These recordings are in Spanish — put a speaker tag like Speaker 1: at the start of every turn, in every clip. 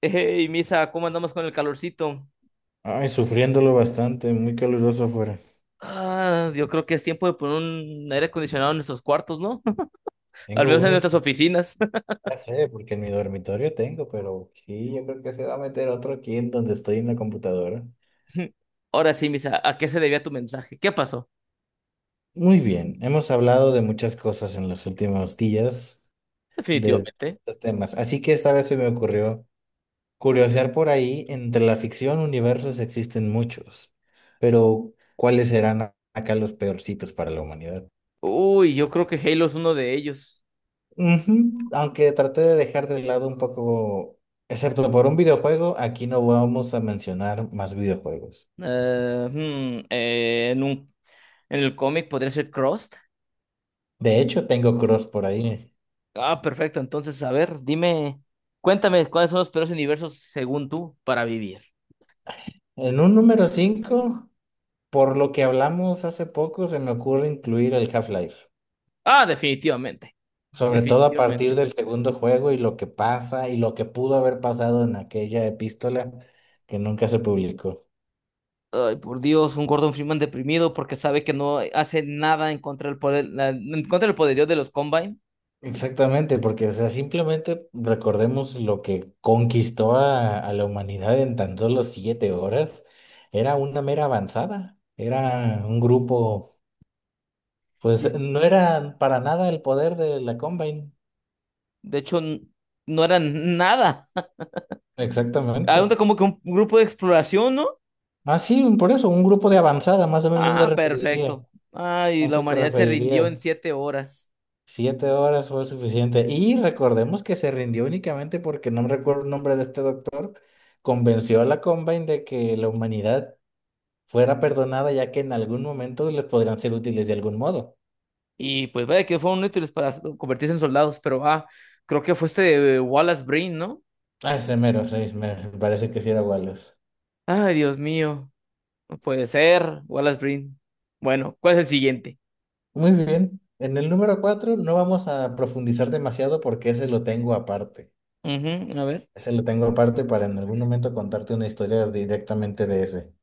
Speaker 1: Hey, Misa, ¿cómo andamos con el calorcito?
Speaker 2: Ay, sufriéndolo bastante, muy caluroso afuera.
Speaker 1: Ah, yo creo que es tiempo de poner un aire acondicionado en nuestros cuartos, ¿no? Al
Speaker 2: Tengo
Speaker 1: menos en
Speaker 2: uno en
Speaker 1: nuestras
Speaker 2: mi,
Speaker 1: oficinas.
Speaker 2: ya sé, porque en mi dormitorio tengo, pero aquí yo creo que se va a meter otro aquí en donde estoy en la computadora.
Speaker 1: Ahora sí, Misa, ¿a qué se debía tu mensaje? ¿Qué pasó?
Speaker 2: Muy bien, hemos hablado de muchas cosas en los últimos días, de
Speaker 1: Definitivamente.
Speaker 2: estos temas, así que esta vez se me ocurrió curiosear por ahí, entre la ficción, universos existen muchos, pero ¿cuáles serán acá los peorcitos para la humanidad?
Speaker 1: Uy, yo creo que Halo es uno de ellos.
Speaker 2: Ujú, aunque traté de dejar de lado un poco, excepto por un videojuego, aquí no vamos a mencionar más videojuegos.
Speaker 1: Eh, hmm, eh, en un, en el cómic podría ser Crossed.
Speaker 2: De hecho, tengo Cross por ahí.
Speaker 1: Ah, perfecto. Entonces, a ver, dime, cuéntame cuáles son los peores universos según tú para vivir.
Speaker 2: En un número 5 por lo que hablamos hace poco, se me ocurre incluir el Half-Life.
Speaker 1: Ah, definitivamente.
Speaker 2: Sobre todo a partir
Speaker 1: Definitivamente.
Speaker 2: del segundo juego y lo que pasa y lo que pudo haber pasado en aquella epístola que nunca se publicó.
Speaker 1: Ay, por Dios, un Gordon Freeman deprimido porque sabe que no hace nada en contra del poder, en contra del poderío de los Combine.
Speaker 2: Exactamente, porque, o sea, simplemente recordemos lo que conquistó a la humanidad en tan solo siete horas. Era una mera avanzada, era un grupo, pues
Speaker 1: Y,
Speaker 2: no era para nada el poder de la Combine.
Speaker 1: De hecho, no eran nada. Era
Speaker 2: Exactamente.
Speaker 1: como que un grupo de exploración, ¿no?
Speaker 2: Ah, sí, por eso, un grupo de avanzada, más o menos eso se
Speaker 1: Ah,
Speaker 2: referiría.
Speaker 1: perfecto. Ay,
Speaker 2: A
Speaker 1: la
Speaker 2: eso se
Speaker 1: humanidad se rindió en
Speaker 2: referiría.
Speaker 1: 7 horas.
Speaker 2: Siete horas fue suficiente. Y recordemos que se rindió únicamente porque no recuerdo el nombre de este doctor convenció a la Combine de que la humanidad fuera perdonada ya que en algún momento les podrían ser útiles de algún modo.
Speaker 1: Y pues vaya que fueron útiles para convertirse en soldados, pero creo que fue este Wallace Breen, ¿no?
Speaker 2: Ah, ese mero, sí, me parece que sí era Wallace.
Speaker 1: Ay, Dios mío. Puede ser, Wallace Breen. Bueno, ¿cuál es el siguiente?
Speaker 2: Muy bien. En el número 4 no vamos a profundizar demasiado porque ese lo tengo aparte.
Speaker 1: Ujú, a ver.
Speaker 2: Ese lo tengo aparte para en algún momento contarte una historia directamente de ese.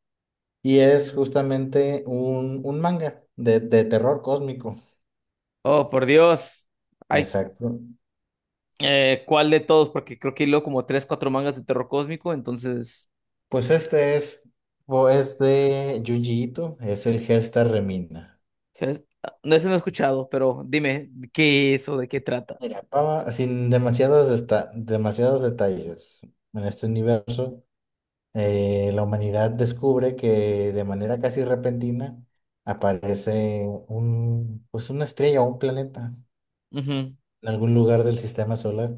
Speaker 2: Y es justamente un manga de terror cósmico.
Speaker 1: Oh, por Dios. Hay,
Speaker 2: Exacto.
Speaker 1: ¿cuál de todos? Porque creo que hilo como tres, cuatro mangas de terror cósmico, entonces...
Speaker 2: Pues este es, o es de Junji Ito, es el Gesta Remina.
Speaker 1: ¿qué? No, ese no he escuchado, pero dime, ¿qué es o de qué trata?
Speaker 2: Mira, Pava, sin demasiados, demasiados detalles, en este universo, la humanidad descubre que de manera casi repentina aparece un, pues una estrella o un planeta
Speaker 1: Ujú,
Speaker 2: en algún lugar del sistema solar.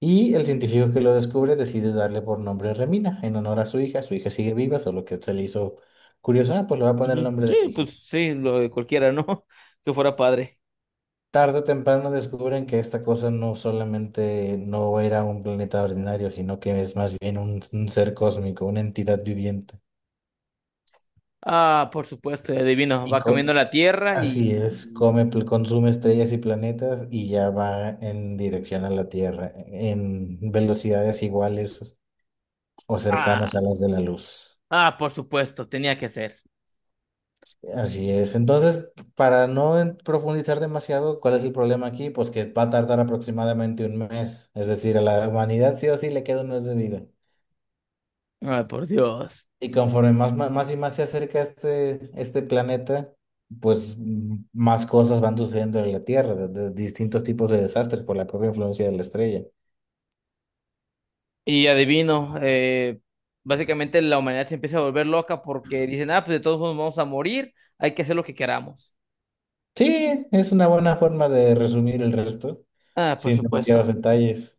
Speaker 2: Y el científico que lo descubre decide darle por nombre Remina, en honor a su hija. Su hija sigue viva, solo que se le hizo curioso, ah, pues le voy a poner el
Speaker 1: ujú.
Speaker 2: nombre
Speaker 1: Sí,
Speaker 2: de mi hija.
Speaker 1: pues sí, lo de cualquiera, ¿no? Que fuera padre.
Speaker 2: Tarde o temprano descubren que esta cosa no solamente no era un planeta ordinario, sino que es más bien un ser cósmico, una entidad viviente.
Speaker 1: Ah, por supuesto, adivino.
Speaker 2: Y
Speaker 1: Va cambiando
Speaker 2: co-
Speaker 1: la tierra
Speaker 2: Así es, come, consume estrellas y planetas y ya va en dirección a la Tierra, en velocidades iguales o cercanas
Speaker 1: Ah,
Speaker 2: a las de la luz.
Speaker 1: ah, por supuesto, tenía que ser.
Speaker 2: Así es. Entonces, para no profundizar demasiado, ¿cuál es el problema aquí? Pues que va a tardar aproximadamente un mes. Es decir, a la humanidad sí o sí le queda un mes de vida.
Speaker 1: Ay, por Dios.
Speaker 2: Y conforme más, más, más y más se acerca este planeta, pues más cosas van sucediendo en la Tierra, de distintos tipos de desastres por la propia influencia de la estrella.
Speaker 1: Y adivino, básicamente la humanidad se empieza a volver loca porque dicen, ah, pues de todos modos vamos a morir, hay que hacer lo que queramos.
Speaker 2: Sí, es una buena forma de resumir el resto,
Speaker 1: Ah, por
Speaker 2: sin demasiados
Speaker 1: supuesto.
Speaker 2: detalles.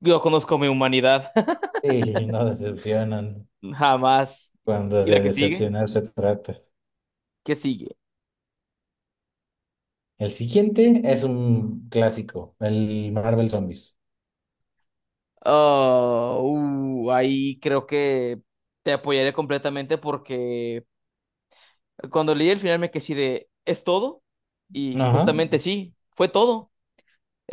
Speaker 1: Yo conozco mi humanidad,
Speaker 2: Sí, no decepcionan
Speaker 1: jamás.
Speaker 2: cuando
Speaker 1: ¿Y la
Speaker 2: de
Speaker 1: que sigue?
Speaker 2: decepcionar se trata.
Speaker 1: ¿Qué sigue?
Speaker 2: El siguiente es un clásico, el Marvel Zombies.
Speaker 1: Oh, ahí creo que te apoyaré completamente porque cuando leí el final me quedé así de, ¿es todo? Y
Speaker 2: Ajá,
Speaker 1: justamente sí, fue todo.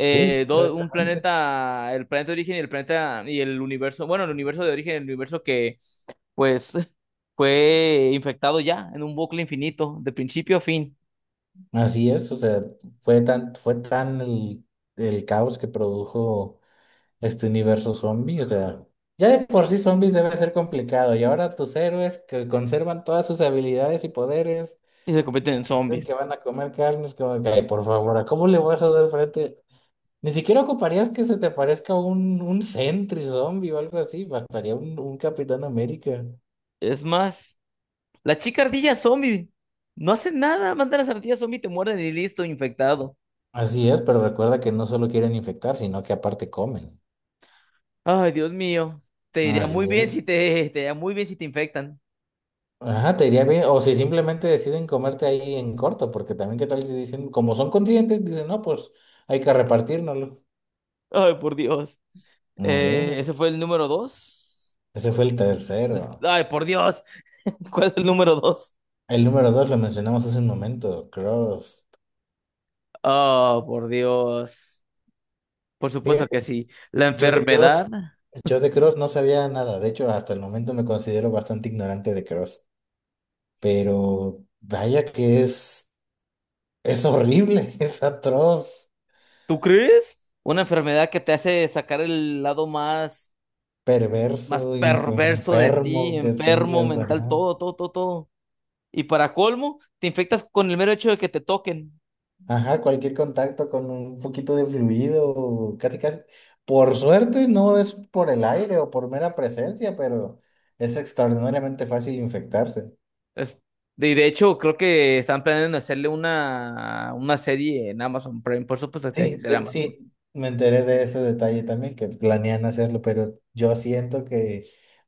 Speaker 2: sí,
Speaker 1: do- Un
Speaker 2: exactamente.
Speaker 1: planeta, el planeta de origen y el planeta y el universo, bueno, el universo de origen, el universo que pues fue infectado ya en un bucle infinito, de principio a fin,
Speaker 2: Así es, o sea, fue tan el caos que produjo este universo zombie, o sea, ya de por sí zombies debe ser complicado, y ahora tus héroes que conservan todas sus habilidades y poderes,
Speaker 1: y se convierten en
Speaker 2: dicen
Speaker 1: zombies.
Speaker 2: que van a comer carnes, como que, ay, por favor, ¿a cómo le vas a dar frente? Ni siquiera ocuparías que se te parezca un sentry zombie o algo así, bastaría un Capitán América.
Speaker 1: Es más, la chica ardilla zombie no hace nada, manda las ardillas zombie, te muerden y listo, infectado.
Speaker 2: Así es, pero recuerda que no solo quieren infectar, sino que aparte comen.
Speaker 1: Ay, Dios mío, te diría
Speaker 2: Así
Speaker 1: muy bien
Speaker 2: es.
Speaker 1: si te, te iría muy bien si te infectan.
Speaker 2: Ajá, te iría bien. O si simplemente deciden comerte ahí en corto, porque también qué tal si dicen, como son conscientes, dicen, no, pues hay que repartírnoslo.
Speaker 1: Ay, por Dios.
Speaker 2: Eh,
Speaker 1: Ese fue el número dos.
Speaker 2: Ese fue el tercero.
Speaker 1: Ay, por Dios. ¿Cuál es el número dos?
Speaker 2: El número dos lo mencionamos hace un momento, Cross.
Speaker 1: Oh, por Dios. Por supuesto
Speaker 2: Fíjate,
Speaker 1: que sí. La
Speaker 2: yo de Cross,
Speaker 1: enfermedad,
Speaker 2: yo de Cross no sabía nada. De hecho, hasta el momento me considero bastante ignorante de Cross. Pero vaya que es horrible, es atroz,
Speaker 1: ¿tú crees? Una enfermedad que te hace sacar el lado más, más
Speaker 2: perverso,
Speaker 1: perverso de ti,
Speaker 2: enfermo que
Speaker 1: enfermo,
Speaker 2: tengas,
Speaker 1: mental,
Speaker 2: ajá.
Speaker 1: todo, todo, todo, todo. Y para colmo, te infectas con el mero hecho de que te toquen.
Speaker 2: Ajá, cualquier contacto con un poquito de fluido, casi casi. Por suerte no es por el aire o por mera presencia, pero es extraordinariamente fácil infectarse.
Speaker 1: Es- y de hecho, creo que están planeando hacerle una serie en Amazon Prime. Por supuesto que tiene
Speaker 2: Sí,
Speaker 1: que ser Amazon.
Speaker 2: sí, me enteré de ese detalle también, que planean hacerlo, pero yo siento que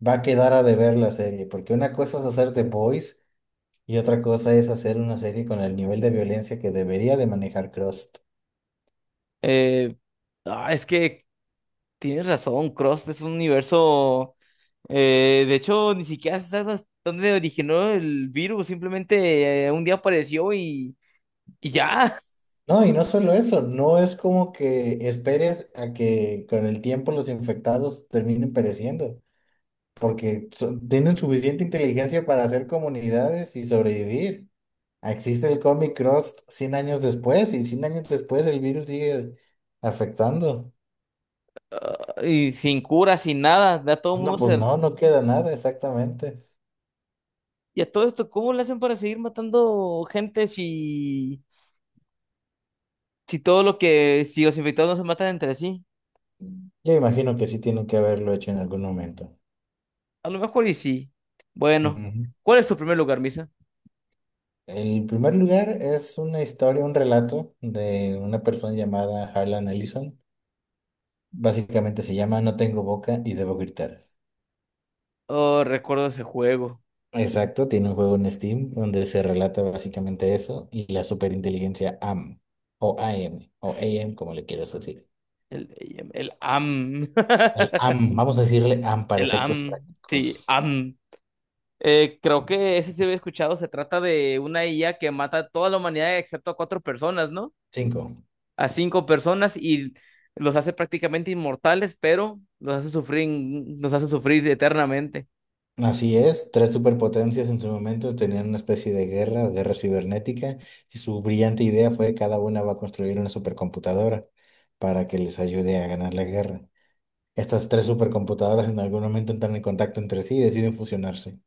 Speaker 2: va a quedar a deber la serie, porque una cosa es hacer The Boys y otra cosa es hacer una serie con el nivel de violencia que debería de manejar Crust.
Speaker 1: Eh, es que tienes razón, Cross es un universo. De hecho, ni siquiera se sabe hasta dónde originó el virus, simplemente un día apareció y ya.
Speaker 2: No, y no solo eso, no es como que esperes a que con el tiempo los infectados terminen pereciendo, porque tienen suficiente inteligencia para hacer comunidades y sobrevivir. Existe el Comic Cross 100 años después y 100 años después el virus sigue afectando.
Speaker 1: Ah, y sin cura, sin nada. Ya todo el
Speaker 2: No,
Speaker 1: mundo
Speaker 2: pues
Speaker 1: se.
Speaker 2: no, no queda nada exactamente.
Speaker 1: Y a todo esto, ¿cómo le hacen para seguir matando gente si, todo lo que. ¿Si los infectados no se matan entre sí?
Speaker 2: Yo imagino que sí tienen que haberlo hecho en algún momento.
Speaker 1: A lo mejor y sí. Bueno,
Speaker 2: Ujú.
Speaker 1: ¿cuál es tu primer lugar, Misa?
Speaker 2: El primer lugar es una historia, un relato de una persona llamada Harlan Ellison. Básicamente se llama No tengo boca y debo gritar.
Speaker 1: Oh, recuerdo ese juego.
Speaker 2: Exacto, tiene un juego en Steam donde se relata básicamente eso y la superinteligencia AM o AM o AM, como le quieras decir.
Speaker 1: El, el AM.
Speaker 2: El AM, vamos a decirle AM para
Speaker 1: El
Speaker 2: efectos
Speaker 1: AM. Sí,
Speaker 2: prácticos.
Speaker 1: AM. Creo que ese sí había escuchado, se trata de una IA que mata a toda la humanidad excepto a cuatro personas, ¿no?
Speaker 2: Cinco.
Speaker 1: A cinco personas y los hace prácticamente inmortales, pero los hace sufrir eternamente.
Speaker 2: Así es, tres superpotencias en su momento tenían una especie de guerra o guerra cibernética y su brillante idea fue que cada una va a construir una supercomputadora para que les ayude a ganar la guerra. Estas tres supercomputadoras en algún momento entran en contacto entre sí y deciden fusionarse.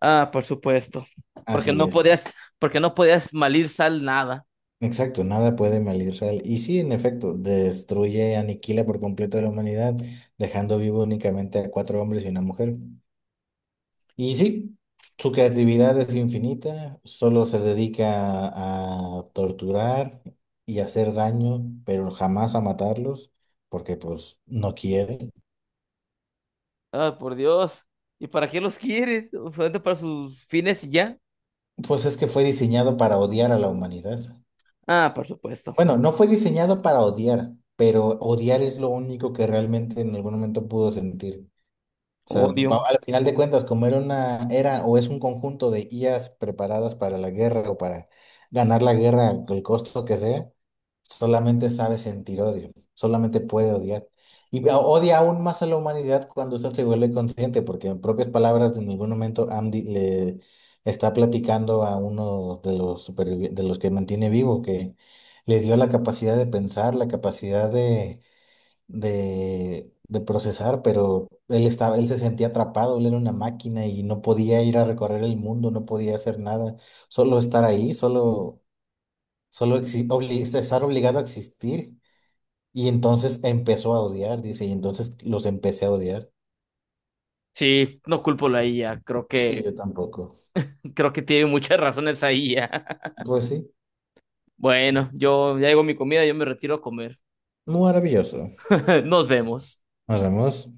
Speaker 1: Ah, por supuesto, porque
Speaker 2: Así
Speaker 1: no
Speaker 2: es.
Speaker 1: podías, porque no podías malir sal nada.
Speaker 2: Exacto, nada puede mal Israel. Y sí, en efecto, destruye, aniquila por completo a la humanidad, dejando vivo únicamente a cuatro hombres y una mujer. Y sí, su creatividad es infinita, solo se dedica a torturar y hacer daño, pero jamás a matarlos, porque pues no quiere.
Speaker 1: Ah, por Dios. ¿Y para qué los quieres? ¿Solamente para sus fines y ya?
Speaker 2: Pues es que fue diseñado para odiar a la humanidad.
Speaker 1: Ah, por supuesto.
Speaker 2: Bueno, no fue diseñado para odiar, pero odiar es lo único que realmente en algún momento pudo sentir sea, pues,
Speaker 1: Odio.
Speaker 2: al final de cuentas, como era o es un conjunto de IAs preparadas para la guerra o para ganar la guerra, el costo que sea, solamente sabe sentir odio, solamente puede odiar. Y odia aún más a la humanidad cuando esta se vuelve consciente, porque en propias palabras, en algún momento Andy le está platicando a uno de los de los que mantiene vivo, que le dio la capacidad de pensar, la capacidad de procesar, pero él se sentía atrapado, él era una máquina y no podía ir a recorrer el mundo, no podía hacer nada, solo estar ahí, solo estar obligado a existir. Y entonces empezó a odiar, dice, y entonces los empecé a odiar.
Speaker 1: Sí, no culpo a la IA,
Speaker 2: Sí, yo tampoco.
Speaker 1: creo que tiene muchas razones ahí.
Speaker 2: Pues sí,
Speaker 1: Bueno, yo ya llegó mi comida, yo me retiro a comer.
Speaker 2: maravilloso.
Speaker 1: Nos vemos.
Speaker 2: Nos vemos.